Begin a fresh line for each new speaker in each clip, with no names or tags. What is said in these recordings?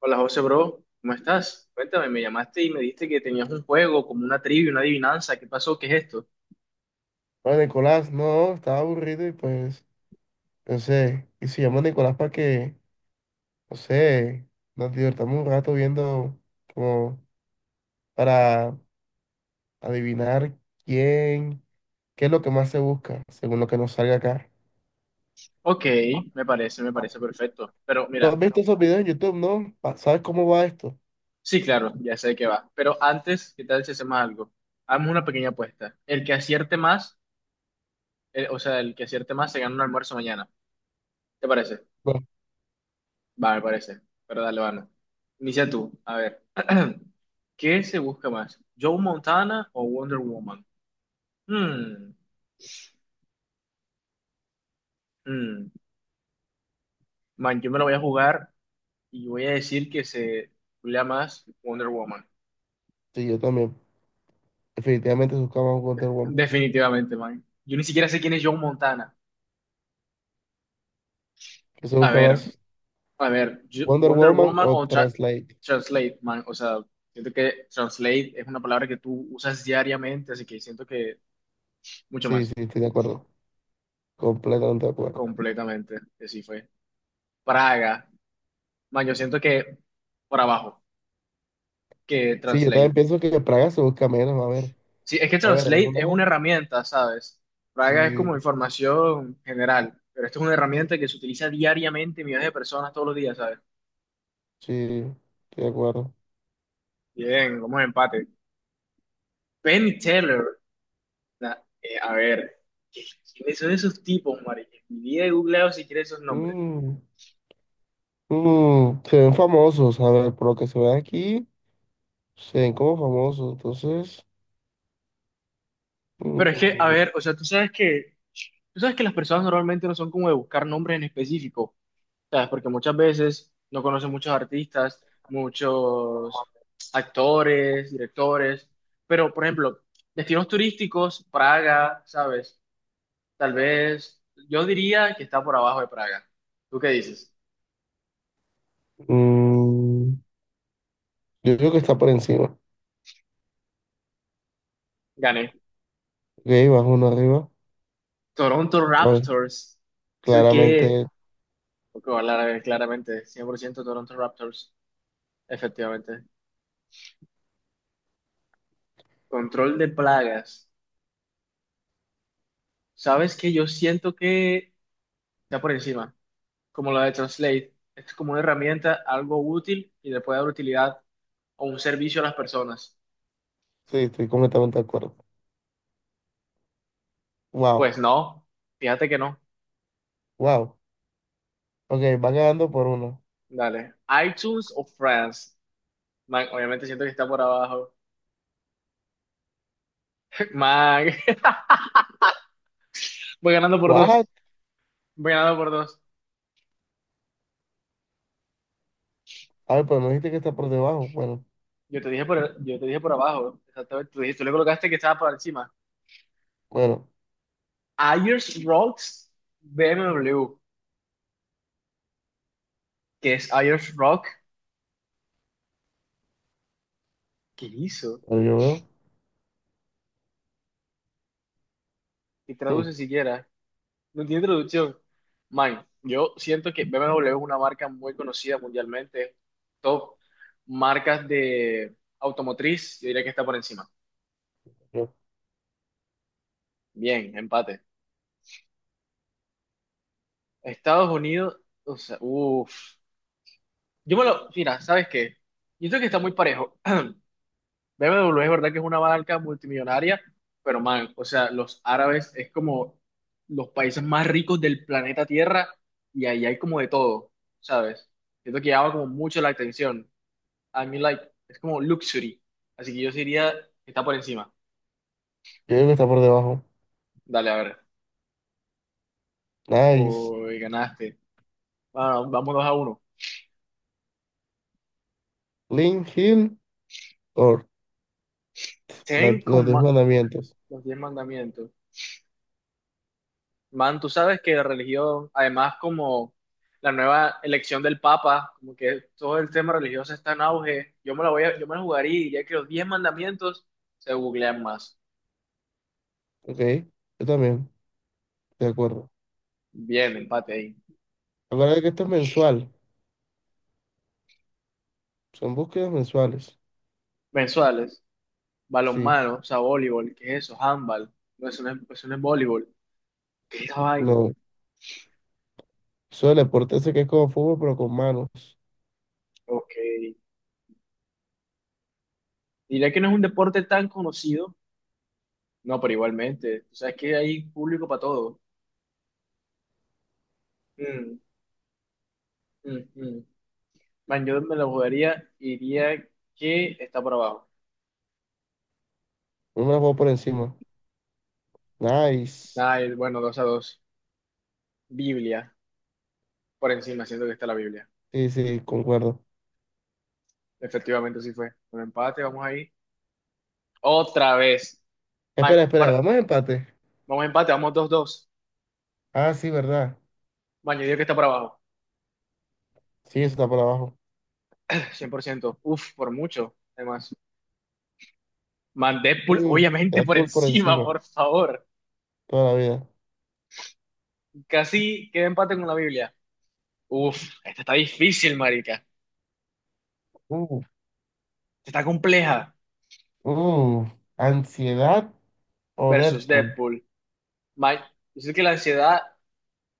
Hola José, bro, ¿cómo estás? Cuéntame, me llamaste y me dijiste que tenías un juego, como una trivia, una adivinanza, ¿qué pasó? ¿Qué es esto?
No, Nicolás, no, estaba aburrido y pues pensé, y si llamo a Nicolás para que, no sé, nos divertamos un rato viendo como para adivinar quién, qué es lo que más se busca, según lo que nos salga acá.
Ok, me parece perfecto. Pero
¿Tú has
mira,
visto esos videos en YouTube, no? ¿Sabes cómo va esto?
sí, claro, ya sé de qué va. Pero antes, ¿qué tal si hacemos algo? Hagamos una pequeña apuesta. El que acierte más, el que acierte más se gana un almuerzo mañana. ¿Te parece?
Bueno,
Va, me parece. Pero dale, vamos. Inicia tú, a ver. ¿Qué se busca más? ¿Joe Montana o Wonder Woman? Hmm, hmm. Man, yo me lo voy a jugar. Y voy a decir que se culea más Wonder Woman.
sí, yo también. Definitivamente se busca más Wonder Woman.
Definitivamente, man. Yo ni siquiera sé quién es John Montana.
¿Qué se
A
busca
ver,
más?
a ver,
¿Wonder
Wonder
Woman
Woman
o
o tra-
Translate?
Translate, man. O sea, siento que Translate es una palabra que tú usas diariamente, así que siento que mucho
Sí,
más.
sí, estoy de acuerdo. Completamente de acuerdo.
Completamente, que sí fue. Praga, man, yo siento que por abajo, que
Sí, yo también
Translate.
pienso que Praga se busca menos, a ver.
Sí, es que
A ver, es
Translate
una
es una
E.
herramienta, ¿sabes? Praga es
Sí,
como información general, pero esto es una herramienta que se utiliza diariamente millones de personas todos los días, ¿sabes?
sí, estoy de acuerdo.
Bien, vamos a empate. Penn Teller, a ver, ¿qué- ¿quiénes son esos tipos, Mari? Mi vida he googleado si quieres esos nombres.
Mm, se ven famosos, a ver, por lo que se ve aquí, se ven como famosos, entonces,
Pero es que, a
mm,
ver, o sea, tú sabes que las personas normalmente no son como de buscar nombres en específico. ¿Sabes? Porque muchas veces no conocen muchos artistas, muchos actores, directores, pero por ejemplo, destinos turísticos, Praga, ¿sabes? Tal vez yo diría que está por abajo de Praga. ¿Tú qué dices?
mm, yo creo que está por encima.
Gané.
Ok, bajo uno arriba.
Toronto
A ver,
Raptors. Eso que,
claramente,
porque voy claramente, 100% Toronto Raptors, efectivamente. Control de plagas. ¿Sabes que yo siento que está por encima, como la de Translate? Es como una herramienta, algo útil y le puede dar utilidad o un servicio a las personas.
sí, estoy completamente de acuerdo. Wow,
Pues no, fíjate que no.
wow. Ok, va quedando por uno.
Dale. iTunes o France. Man, obviamente siento que está por abajo. Man, voy ganando por
What?
dos. Voy ganando por dos.
A ver, pero me dijiste que está por debajo. Bueno,
Yo te dije por abajo. Exactamente. Tú le colocaste que estaba por encima.
bueno,
Ayers Rocks BMW. ¿Qué es Ayers Rock? ¿Qué hizo?
a ver, yo veo.
¿Qué
Mm,
traduce siquiera? No tiene traducción. Man, yo siento que BMW es una marca muy conocida mundialmente, top marcas de automotriz, yo diría que está por encima.
yo
Bien, empate. Estados Unidos, o sea, uff. Mira, ¿sabes qué? Yo creo que está muy parejo. BMW es verdad que es una marca multimillonaria, pero man, o sea, los árabes es como los países más ricos del planeta Tierra y ahí hay como de todo, ¿sabes? Siento que llama como mucho la atención. I mean like, es como luxury. Así que yo diría que está por encima.
creo que está por debajo.
Dale, a ver.
Nice.
Uy, ganaste. Bueno, vamos 2-1.
Link Hill. Or,
Se ven con
los diez
ma-
mandamientos.
Los diez mandamientos. Man, tú sabes que la religión, además como la nueva elección del Papa, como que todo el tema religioso está en auge. Yo me la jugaría y diría que los diez mandamientos se googlean más.
Ok, yo también, de acuerdo.
Bien, empate ahí.
Acuérdate que esto es mensual, son búsquedas mensuales.
Mensuales,
Sí,
balonmano, o sea, voleibol, ¿qué es eso? Handball. No, eso no es voleibol. ¿Qué es esa vaina?
no. Eso del deporte ese que es como fútbol, pero con manos.
Ok. Diría que no es un deporte tan conocido, no, pero igualmente, o sea, es que hay público para todo. Mm, mm, mm. Man, yo me lo jugaría y diría que está por abajo.
Uno me la juego por encima. Nice.
Ah, bueno, 2-2. Biblia, por encima, siento que está la Biblia.
Sí, sí, concuerdo.
Efectivamente, sí fue. Un empate, vamos ahí. Otra vez. Man,
Espera, espera, vamos a empate.
vamos a empate, vamos 2-2.
Ah, sí, verdad.
Man, yo diría que está por abajo.
Sí, eso está por abajo.
100%. Uf, por mucho, además. Man, Deadpool,
Mm,
obviamente por
Deadpool por
encima,
encima,
por favor.
toda la vida.
Casi queda empate con la Biblia. Uf, esta está difícil, marica. Esta
Uh,
Está compleja.
uh, ¿Ansiedad o
Versus
Deadpool?
Deadpool. Ma- Yo sé que la ansiedad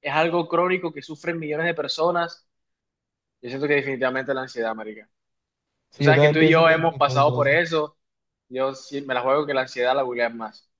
es algo crónico que sufren millones de personas. Yo siento que definitivamente la ansiedad, marica. Tú
Sí, yo
sabes que tú
también
y
pienso
yo
que es
hemos
definitivamente
pasado
la
por
ansiedad.
eso. Yo sí me la juego que la ansiedad la googlean más.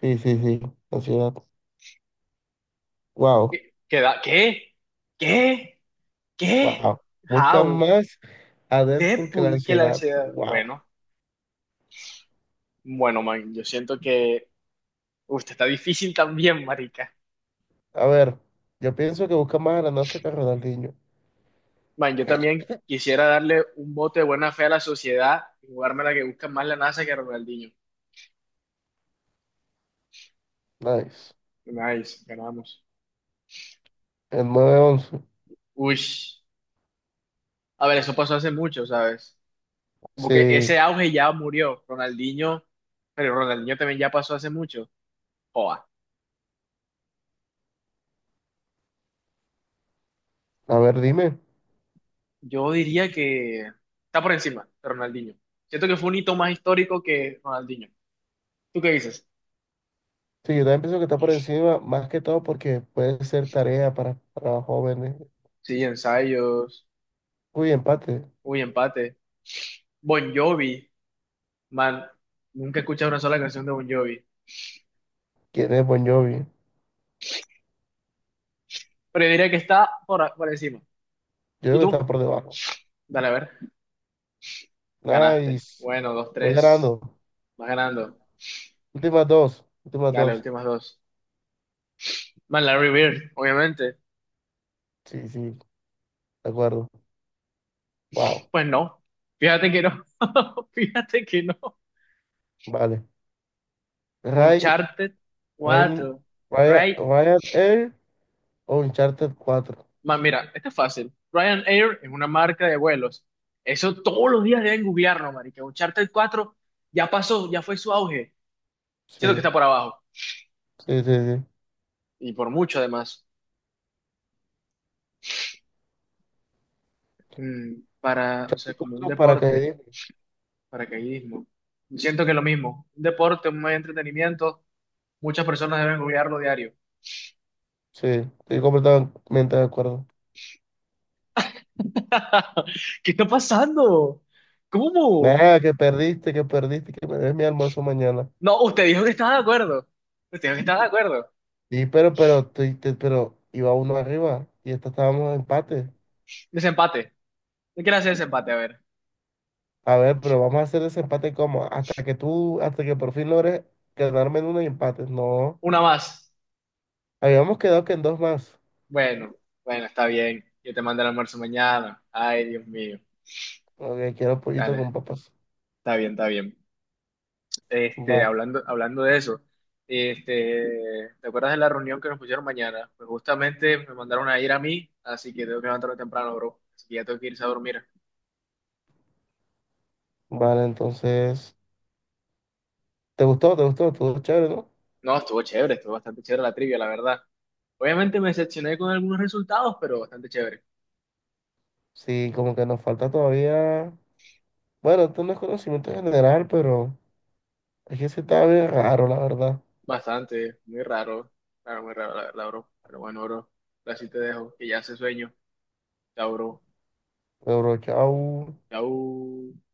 Sí, sí, sí, ansiedad. Wow.
¿Qué? ¿Qué? ¿Qué? ¿Qué? ¿Qué?
Wow, buscan
How?
más a Deadpool que la
Deadpool, que la
ansiedad.
ansiedad.
Wow.
Bueno, bueno, man. Yo siento que... Uf, esta está difícil también, marica.
A ver, yo pienso que buscan más a la NASA que a Ronaldinho.
Man, yo también quisiera darle un voto de buena fe a la sociedad y jugarme la que busca más la NASA que Ronaldinho.
Nice.
Nice, ganamos.
El 9/11.
Uy, a ver, eso pasó hace mucho, ¿sabes? Como que
Sí.
ese auge ya murió. Ronaldinho, pero Ronaldinho también ya pasó hace mucho. Joa,
A ver, dime.
yo diría que está por encima de Ronaldinho. Siento que fue un hito más histórico que Ronaldinho. ¿Tú qué dices?
Sí, yo también pienso que está por encima, más que todo porque puede ser tarea para, jóvenes.
Sí, ensayos.
Uy, empate.
Uy, empate. Bon Jovi, man, nunca he escuchado una sola canción de Bon Jovi.
¿Quién es Bon Jovi? Yo
Pero yo diría que está por encima.
creo
¿Y
que está
tú?
por debajo.
Dale, a ver. Ganaste.
Nice.
Bueno, dos,
Voy
tres.
ganando.
Vas ganando.
Últimas dos. Últimas
Dale,
dos.
últimas dos. Man, Larry Bird, obviamente.
Sí, sí, de acuerdo. Wow.
Pues no. Fíjate que no. Fíjate que no.
Vale. Ryan,
Uncharted
Ryan,
cuatro
Ryan,
Right.
Ryan Air. Oh, Uncharted 4.
Man, mira, esto es fácil. Ryanair es una marca de vuelos. Eso todos los días deben googlearlo, marica. Uncharted 4 ya pasó, ya fue su auge. Siento que
Sí,
está por abajo.
sí, sí, sí.
Y por mucho, además. Para, o sea,
Uncharted
como un
4
deporte.
paracaidismo.
Paracaidismo. Siento que lo mismo. Un deporte, un medio de entretenimiento, muchas personas deben olvidarlo diario.
Sí, estoy completamente de acuerdo.
¿Qué está pasando? ¿Cómo?
Nada, que perdiste, que perdiste, que me des mi almuerzo mañana.
No, usted dijo que estaba de acuerdo. Usted dijo que estaba de acuerdo.
Sí, pero iba uno arriba y esta estábamos en empate.
Desempate. ¿Qué quiere hacer desempate? A ver.
A ver, pero vamos a hacer ese empate como hasta que por fin logres quedarme en uno y empates. No,
Una más.
habíamos quedado que en dos más.
Bueno, bueno, está bien. Yo te mando el almuerzo mañana. Ay, Dios mío.
Ok, quiero pollito
Dale,
con papas.
está bien, está bien.
Va,
Hablando de eso, ¿te acuerdas de la reunión que nos pusieron mañana? Pues justamente me mandaron a ir a mí, así que tengo que levantarme temprano, bro. Así que ya tengo que irse a dormir.
vale, entonces, ¿te gustó? ¿Te gustó? Estuvo chévere, ¿no?
No, estuvo chévere, estuvo bastante chévere la trivia, la verdad. Obviamente me decepcioné con algunos resultados, pero bastante chévere.
Sí, como que nos falta todavía. Bueno, esto no es conocimiento general, pero es que se está bien raro, la verdad.
Bastante, muy raro, claro, muy raro, la verdad, bro. Pero bueno, bro, así te dejo, que ya hace sueño. Chao, bro.
Pero chao.
Chao.